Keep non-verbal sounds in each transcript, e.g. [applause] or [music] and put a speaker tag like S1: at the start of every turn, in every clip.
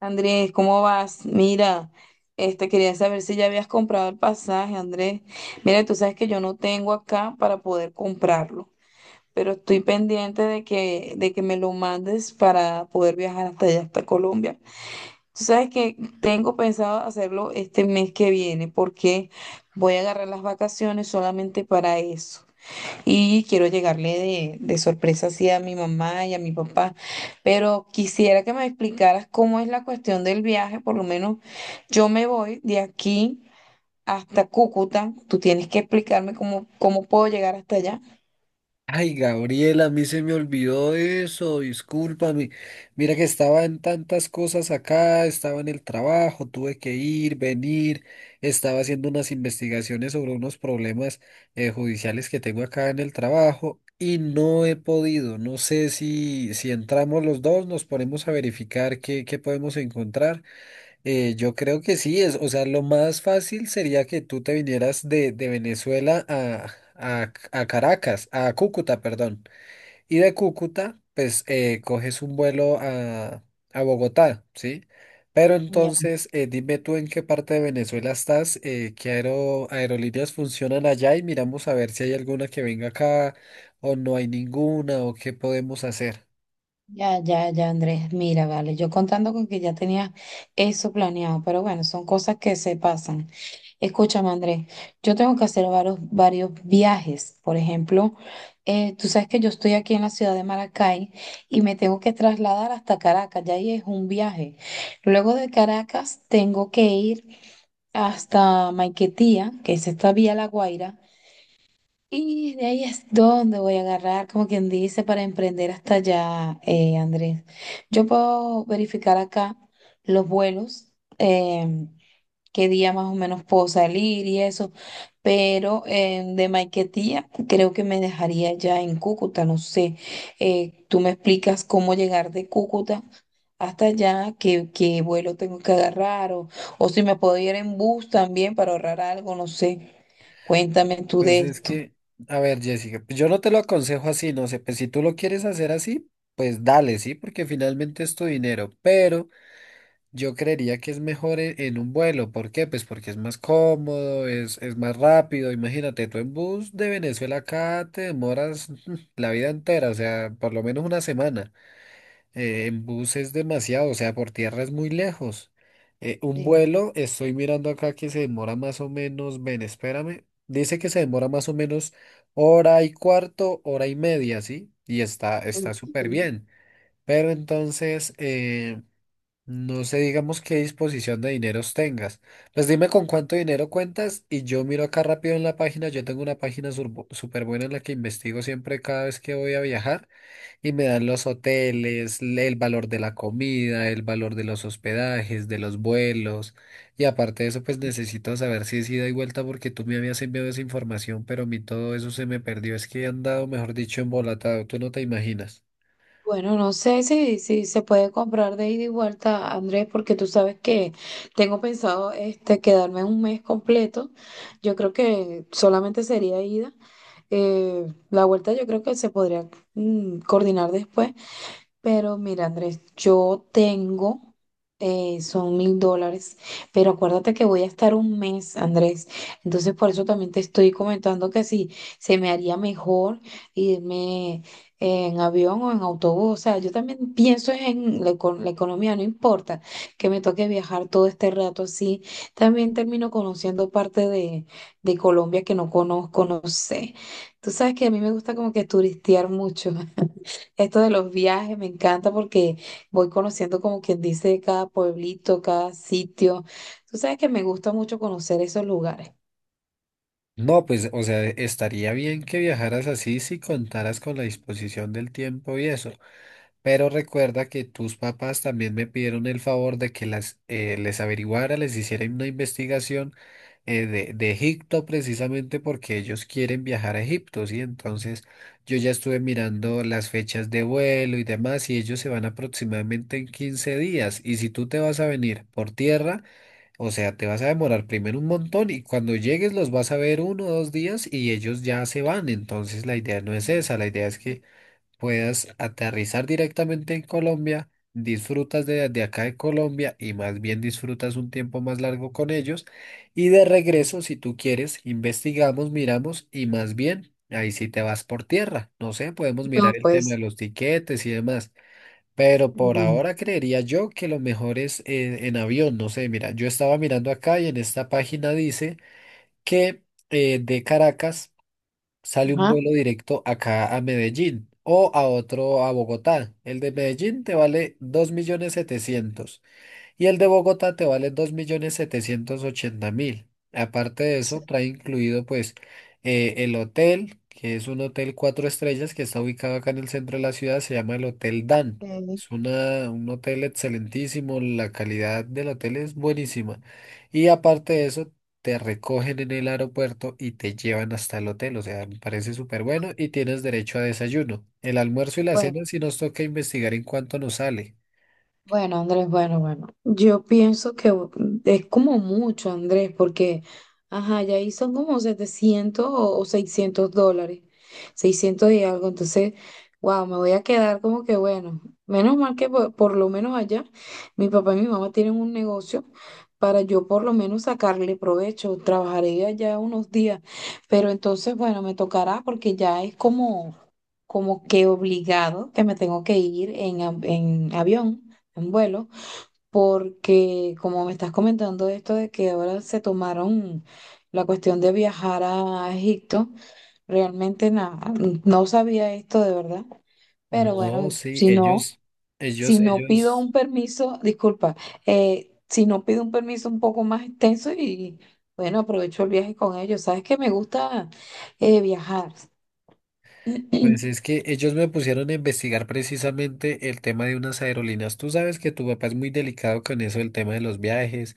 S1: Andrés, ¿cómo vas? Mira, este quería saber si ya habías comprado el pasaje, Andrés. Mira, tú sabes que yo no tengo acá para poder comprarlo, pero estoy pendiente de que me lo mandes para poder viajar hasta allá, hasta Colombia. Tú sabes que tengo pensado hacerlo este mes que viene, porque voy a agarrar las vacaciones solamente para eso y quiero llegarle de sorpresa así a mi mamá y a mi papá. Pero quisiera que me explicaras cómo es la cuestión del viaje, por lo menos yo me voy de aquí hasta Cúcuta, tú tienes que explicarme cómo puedo llegar hasta allá.
S2: Ay, Gabriela, a mí se me olvidó eso, discúlpame. Mira que estaba en tantas cosas acá, estaba en el trabajo, tuve que ir, venir, estaba haciendo unas investigaciones sobre unos problemas judiciales que tengo acá en el trabajo y no he podido. No sé si entramos los dos, nos ponemos a verificar qué podemos encontrar. Yo creo que sí, es, o sea, lo más fácil sería que tú te vinieras de Venezuela a, a Caracas, a Cúcuta, perdón. Y de Cúcuta, pues coges un vuelo a Bogotá, ¿sí? Pero
S1: Ya,
S2: entonces, dime tú en qué parte de Venezuela estás, qué aerolíneas funcionan allá y miramos a ver si hay alguna que venga acá o no hay ninguna o qué podemos hacer.
S1: ya, ya, ya, Andrés, mira, vale, yo contando con que ya tenía eso planeado, pero bueno, son cosas que se pasan. Escúchame, Andrés, yo tengo que hacer varios viajes. Por ejemplo, tú sabes que yo estoy aquí en la ciudad de Maracay y me tengo que trasladar hasta Caracas, ya ahí es un viaje. Luego de Caracas tengo que ir hasta Maiquetía, que es esta vía La Guaira, y de ahí es donde voy a agarrar, como quien dice, para emprender hasta allá, Andrés. Yo puedo verificar acá los vuelos. em, Qué día más o menos puedo salir y eso, pero de Maiquetía creo que me dejaría ya en Cúcuta, no sé, tú me explicas cómo llegar de Cúcuta hasta allá, qué vuelo tengo que agarrar o si me puedo ir en bus también para ahorrar algo, no sé, cuéntame tú
S2: Pues
S1: de
S2: es
S1: esto.
S2: que, a ver, Jessica, pues yo no te lo aconsejo así, no sé, pues si tú lo quieres hacer así, pues dale, sí, porque finalmente es tu dinero, pero yo creería que es mejor un vuelo, ¿por qué? Pues porque es más cómodo, es más rápido, imagínate, tú en bus de Venezuela acá te demoras [laughs] la vida entera, o sea, por lo menos una semana. En bus es demasiado, o sea, por tierra es muy lejos. Un
S1: Sí.
S2: vuelo, estoy mirando acá que se demora más o menos, ven, espérame, dice que se demora más o menos hora y cuarto, hora y media, ¿sí? Y está
S1: Ok.
S2: súper bien. Pero entonces, no sé, digamos qué disposición de dineros tengas. Pues dime con cuánto dinero cuentas y yo miro acá rápido en la página, yo tengo una página súper buena en la que investigo siempre cada vez que voy a viajar. Y me dan los hoteles, el valor de la comida, el valor de los hospedajes, de los vuelos. Y aparte de eso, pues necesito saber si es ida y vuelta porque tú me habías enviado esa información, pero a mí todo eso se me perdió. Es que he andado, mejor dicho, embolatado. Tú no te imaginas.
S1: Bueno, no sé si se puede comprar de ida y vuelta, Andrés, porque tú sabes que tengo pensado este, quedarme un mes completo. Yo creo que solamente sería ida. La vuelta yo creo que se podría coordinar después. Pero mira, Andrés, yo tengo, son $1000, pero acuérdate que voy a estar un mes, Andrés. Entonces, por eso también te estoy comentando que si se me haría mejor irme en avión o en autobús. O sea, yo también pienso en la economía, no importa que me toque viajar todo este rato así. También termino conociendo parte de Colombia que no conozco, no sé. Tú sabes que a mí me gusta como que turistear mucho. Esto de los viajes me encanta porque voy conociendo como quien dice cada pueblito, cada sitio. Tú sabes que me gusta mucho conocer esos lugares.
S2: No, pues, o sea, estaría bien que viajaras así si contaras con la disposición del tiempo y eso. Pero recuerda que tus papás también me pidieron el favor de que las, les averiguara, les hiciera una investigación de Egipto precisamente porque ellos quieren viajar a Egipto, ¿sí? Entonces yo ya estuve mirando las fechas de vuelo y demás y ellos se van aproximadamente en 15 días. Y si tú te vas a venir por tierra, o sea, te vas a demorar primero un montón y cuando llegues los vas a ver uno o dos días y ellos ya se van. Entonces la idea no es esa, la idea es que puedas aterrizar directamente en Colombia, disfrutas de acá de Colombia y más bien disfrutas un tiempo más largo con ellos. Y de regreso, si tú quieres, investigamos, miramos y más bien ahí sí te vas por tierra. No sé, podemos mirar
S1: No,
S2: el tema de
S1: pues.
S2: los tiquetes y demás. Pero por
S1: Ujú.
S2: ahora creería yo que lo mejor es en avión, no sé, mira, yo estaba mirando acá y en esta página dice que de Caracas sale un
S1: Ajá.
S2: vuelo directo acá a Medellín o a otro a Bogotá. El de Medellín te vale 2.700.000 y el de Bogotá te vale 2.780.000. Aparte de
S1: Sí,
S2: eso, trae incluido pues el hotel, que es un hotel cuatro estrellas que está ubicado acá en el centro de la ciudad, se llama el Hotel Dan.
S1: eh,
S2: Es una, un hotel excelentísimo, la calidad del hotel es buenísima. Y aparte de eso, te recogen en el aeropuerto y te llevan hasta el hotel, o sea, me parece súper bueno y tienes derecho a desayuno. El almuerzo y la cena
S1: bueno.
S2: si nos toca investigar en cuánto nos sale.
S1: Bueno, Andrés, bueno, bueno. Yo pienso que es como mucho, Andrés, porque, ajá, ya ahí son como 700 o $600, 600 y algo. Entonces, wow, me voy a quedar como que, bueno, menos mal que por lo menos allá mi papá y mi mamá tienen un negocio para yo por lo menos sacarle provecho. Trabajaré allá unos días, pero entonces, bueno, me tocará porque ya es como, como que obligado que me tengo que ir en avión en vuelo, porque como me estás comentando esto de que ahora se tomaron la cuestión de viajar a Egipto, realmente nada, no sabía esto de verdad, pero
S2: No,
S1: bueno,
S2: sí,
S1: si no,
S2: ellos,
S1: si no pido
S2: ellos,
S1: un permiso, disculpa, si no pido un permiso un poco más extenso y bueno, aprovecho el viaje con ellos, sabes que me gusta viajar.
S2: pues es
S1: [clears throat]
S2: que ellos me pusieron a investigar precisamente el tema de unas aerolíneas. Tú sabes que tu papá es muy delicado con eso, el tema de los viajes,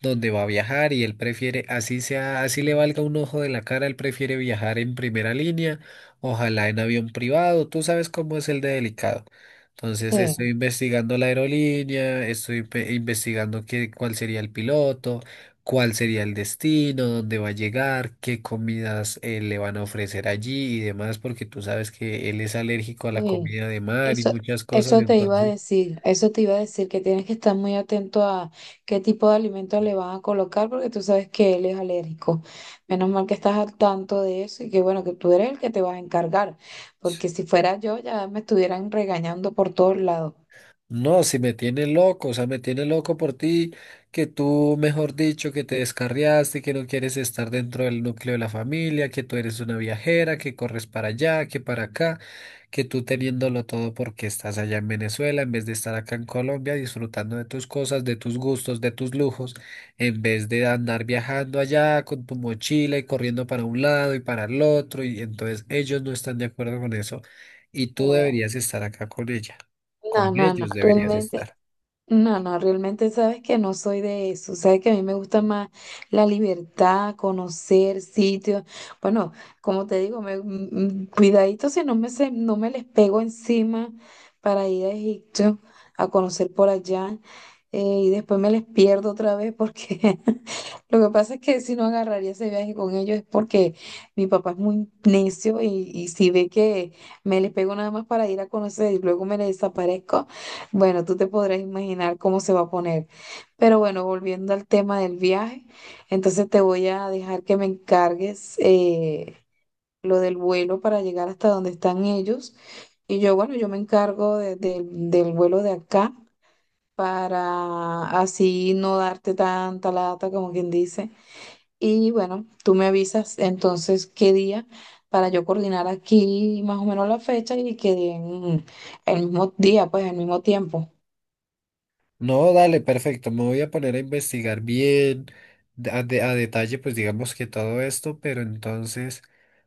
S2: dónde va a viajar y él prefiere, así sea, así le valga un ojo de la cara, él prefiere viajar en primera línea, ojalá en avión privado, tú sabes cómo es el de delicado. Entonces
S1: Sí.
S2: estoy investigando la aerolínea, estoy investigando cuál sería el piloto. Cuál sería el destino, dónde va a llegar, qué comidas le van a ofrecer allí y demás, porque tú sabes que él es alérgico a la
S1: Sí,
S2: comida de mar y
S1: eso,
S2: muchas cosas,
S1: eso te iba a
S2: entonces...
S1: decir, eso te iba a decir que tienes que estar muy atento a qué tipo de alimentos le van a colocar porque tú sabes que él es alérgico. Menos mal que estás al tanto de eso y que bueno, que tú eres el que te vas a encargar, porque si fuera yo ya me estuvieran regañando por todos lados.
S2: No, si me tiene loco, o sea, me tiene loco por ti, que tú, mejor dicho, que te descarriaste, que no quieres estar dentro del núcleo de la familia, que tú eres una viajera, que corres para allá, que para acá, que tú teniéndolo todo porque estás allá en Venezuela, en vez de estar acá en Colombia disfrutando de tus cosas, de tus gustos, de tus lujos, en vez de andar viajando allá con tu mochila y corriendo para un lado y para el otro, y entonces ellos no están de acuerdo con eso, y tú
S1: Bueno,
S2: deberías estar acá con ella.
S1: no,
S2: Con
S1: no, no, bueno,
S2: ellos deberías
S1: realmente.
S2: estar.
S1: No, no, realmente sabes que no soy de eso. Sabes que a mí me gusta más la libertad, conocer sitios. Bueno, como te digo, cuidadito si no no me les pego encima para ir a Egipto a conocer por allá. Eh, y después me les pierdo otra vez porque [laughs] lo que pasa es que si no agarraría ese viaje con ellos es porque mi papá es muy necio y si ve que me les pego nada más para ir a conocer y luego me les desaparezco. Bueno, tú te podrás imaginar cómo se va a poner. Pero bueno, volviendo al tema del viaje, entonces te voy a dejar que me encargues lo del vuelo para llegar hasta donde están ellos. Y yo, bueno, yo me encargo del vuelo de acá para así no darte tanta lata, como quien dice. Y bueno, tú me avisas entonces qué día para yo coordinar aquí más o menos la fecha y que den el mismo día, pues el mismo tiempo.
S2: No, dale, perfecto. Me voy a poner a investigar bien, a detalle, pues digamos que todo esto, pero entonces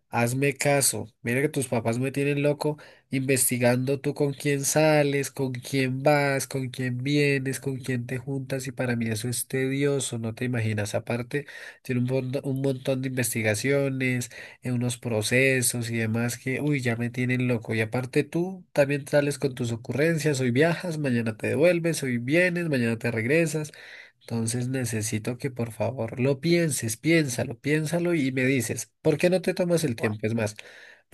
S2: hazme caso. Mira que tus papás me tienen loco investigando tú con quién sales, con quién vas, con quién vienes, con quién te juntas, y para mí eso es tedioso, no te imaginas. Aparte, tiene un montón de investigaciones unos procesos y demás que, uy, ya me tienen loco. Y aparte tú también sales con tus ocurrencias, hoy viajas, mañana te devuelves, hoy vienes, mañana te regresas. Entonces necesito que por favor lo pienses, piénsalo y me dices, ¿por qué no te tomas el tiempo? Es más,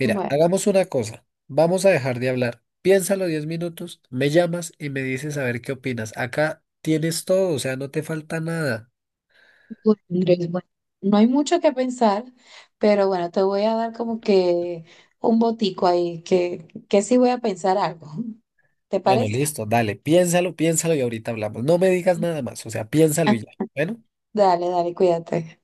S1: Bueno, bueno,
S2: hagamos una cosa, vamos a dejar de hablar. Piénsalo 10 minutos, me llamas y me dices a ver qué opinas. Acá tienes todo, o sea, no te falta nada.
S1: Andrés, bueno, no hay mucho que pensar, pero bueno, te voy a dar como que un botico ahí, que sí voy a pensar algo. ¿Te
S2: Bueno,
S1: parece?
S2: listo, dale, piénsalo y ahorita hablamos. No me digas nada más, o sea, piénsalo y ya.
S1: [laughs]
S2: Bueno.
S1: Dale, dale, cuídate.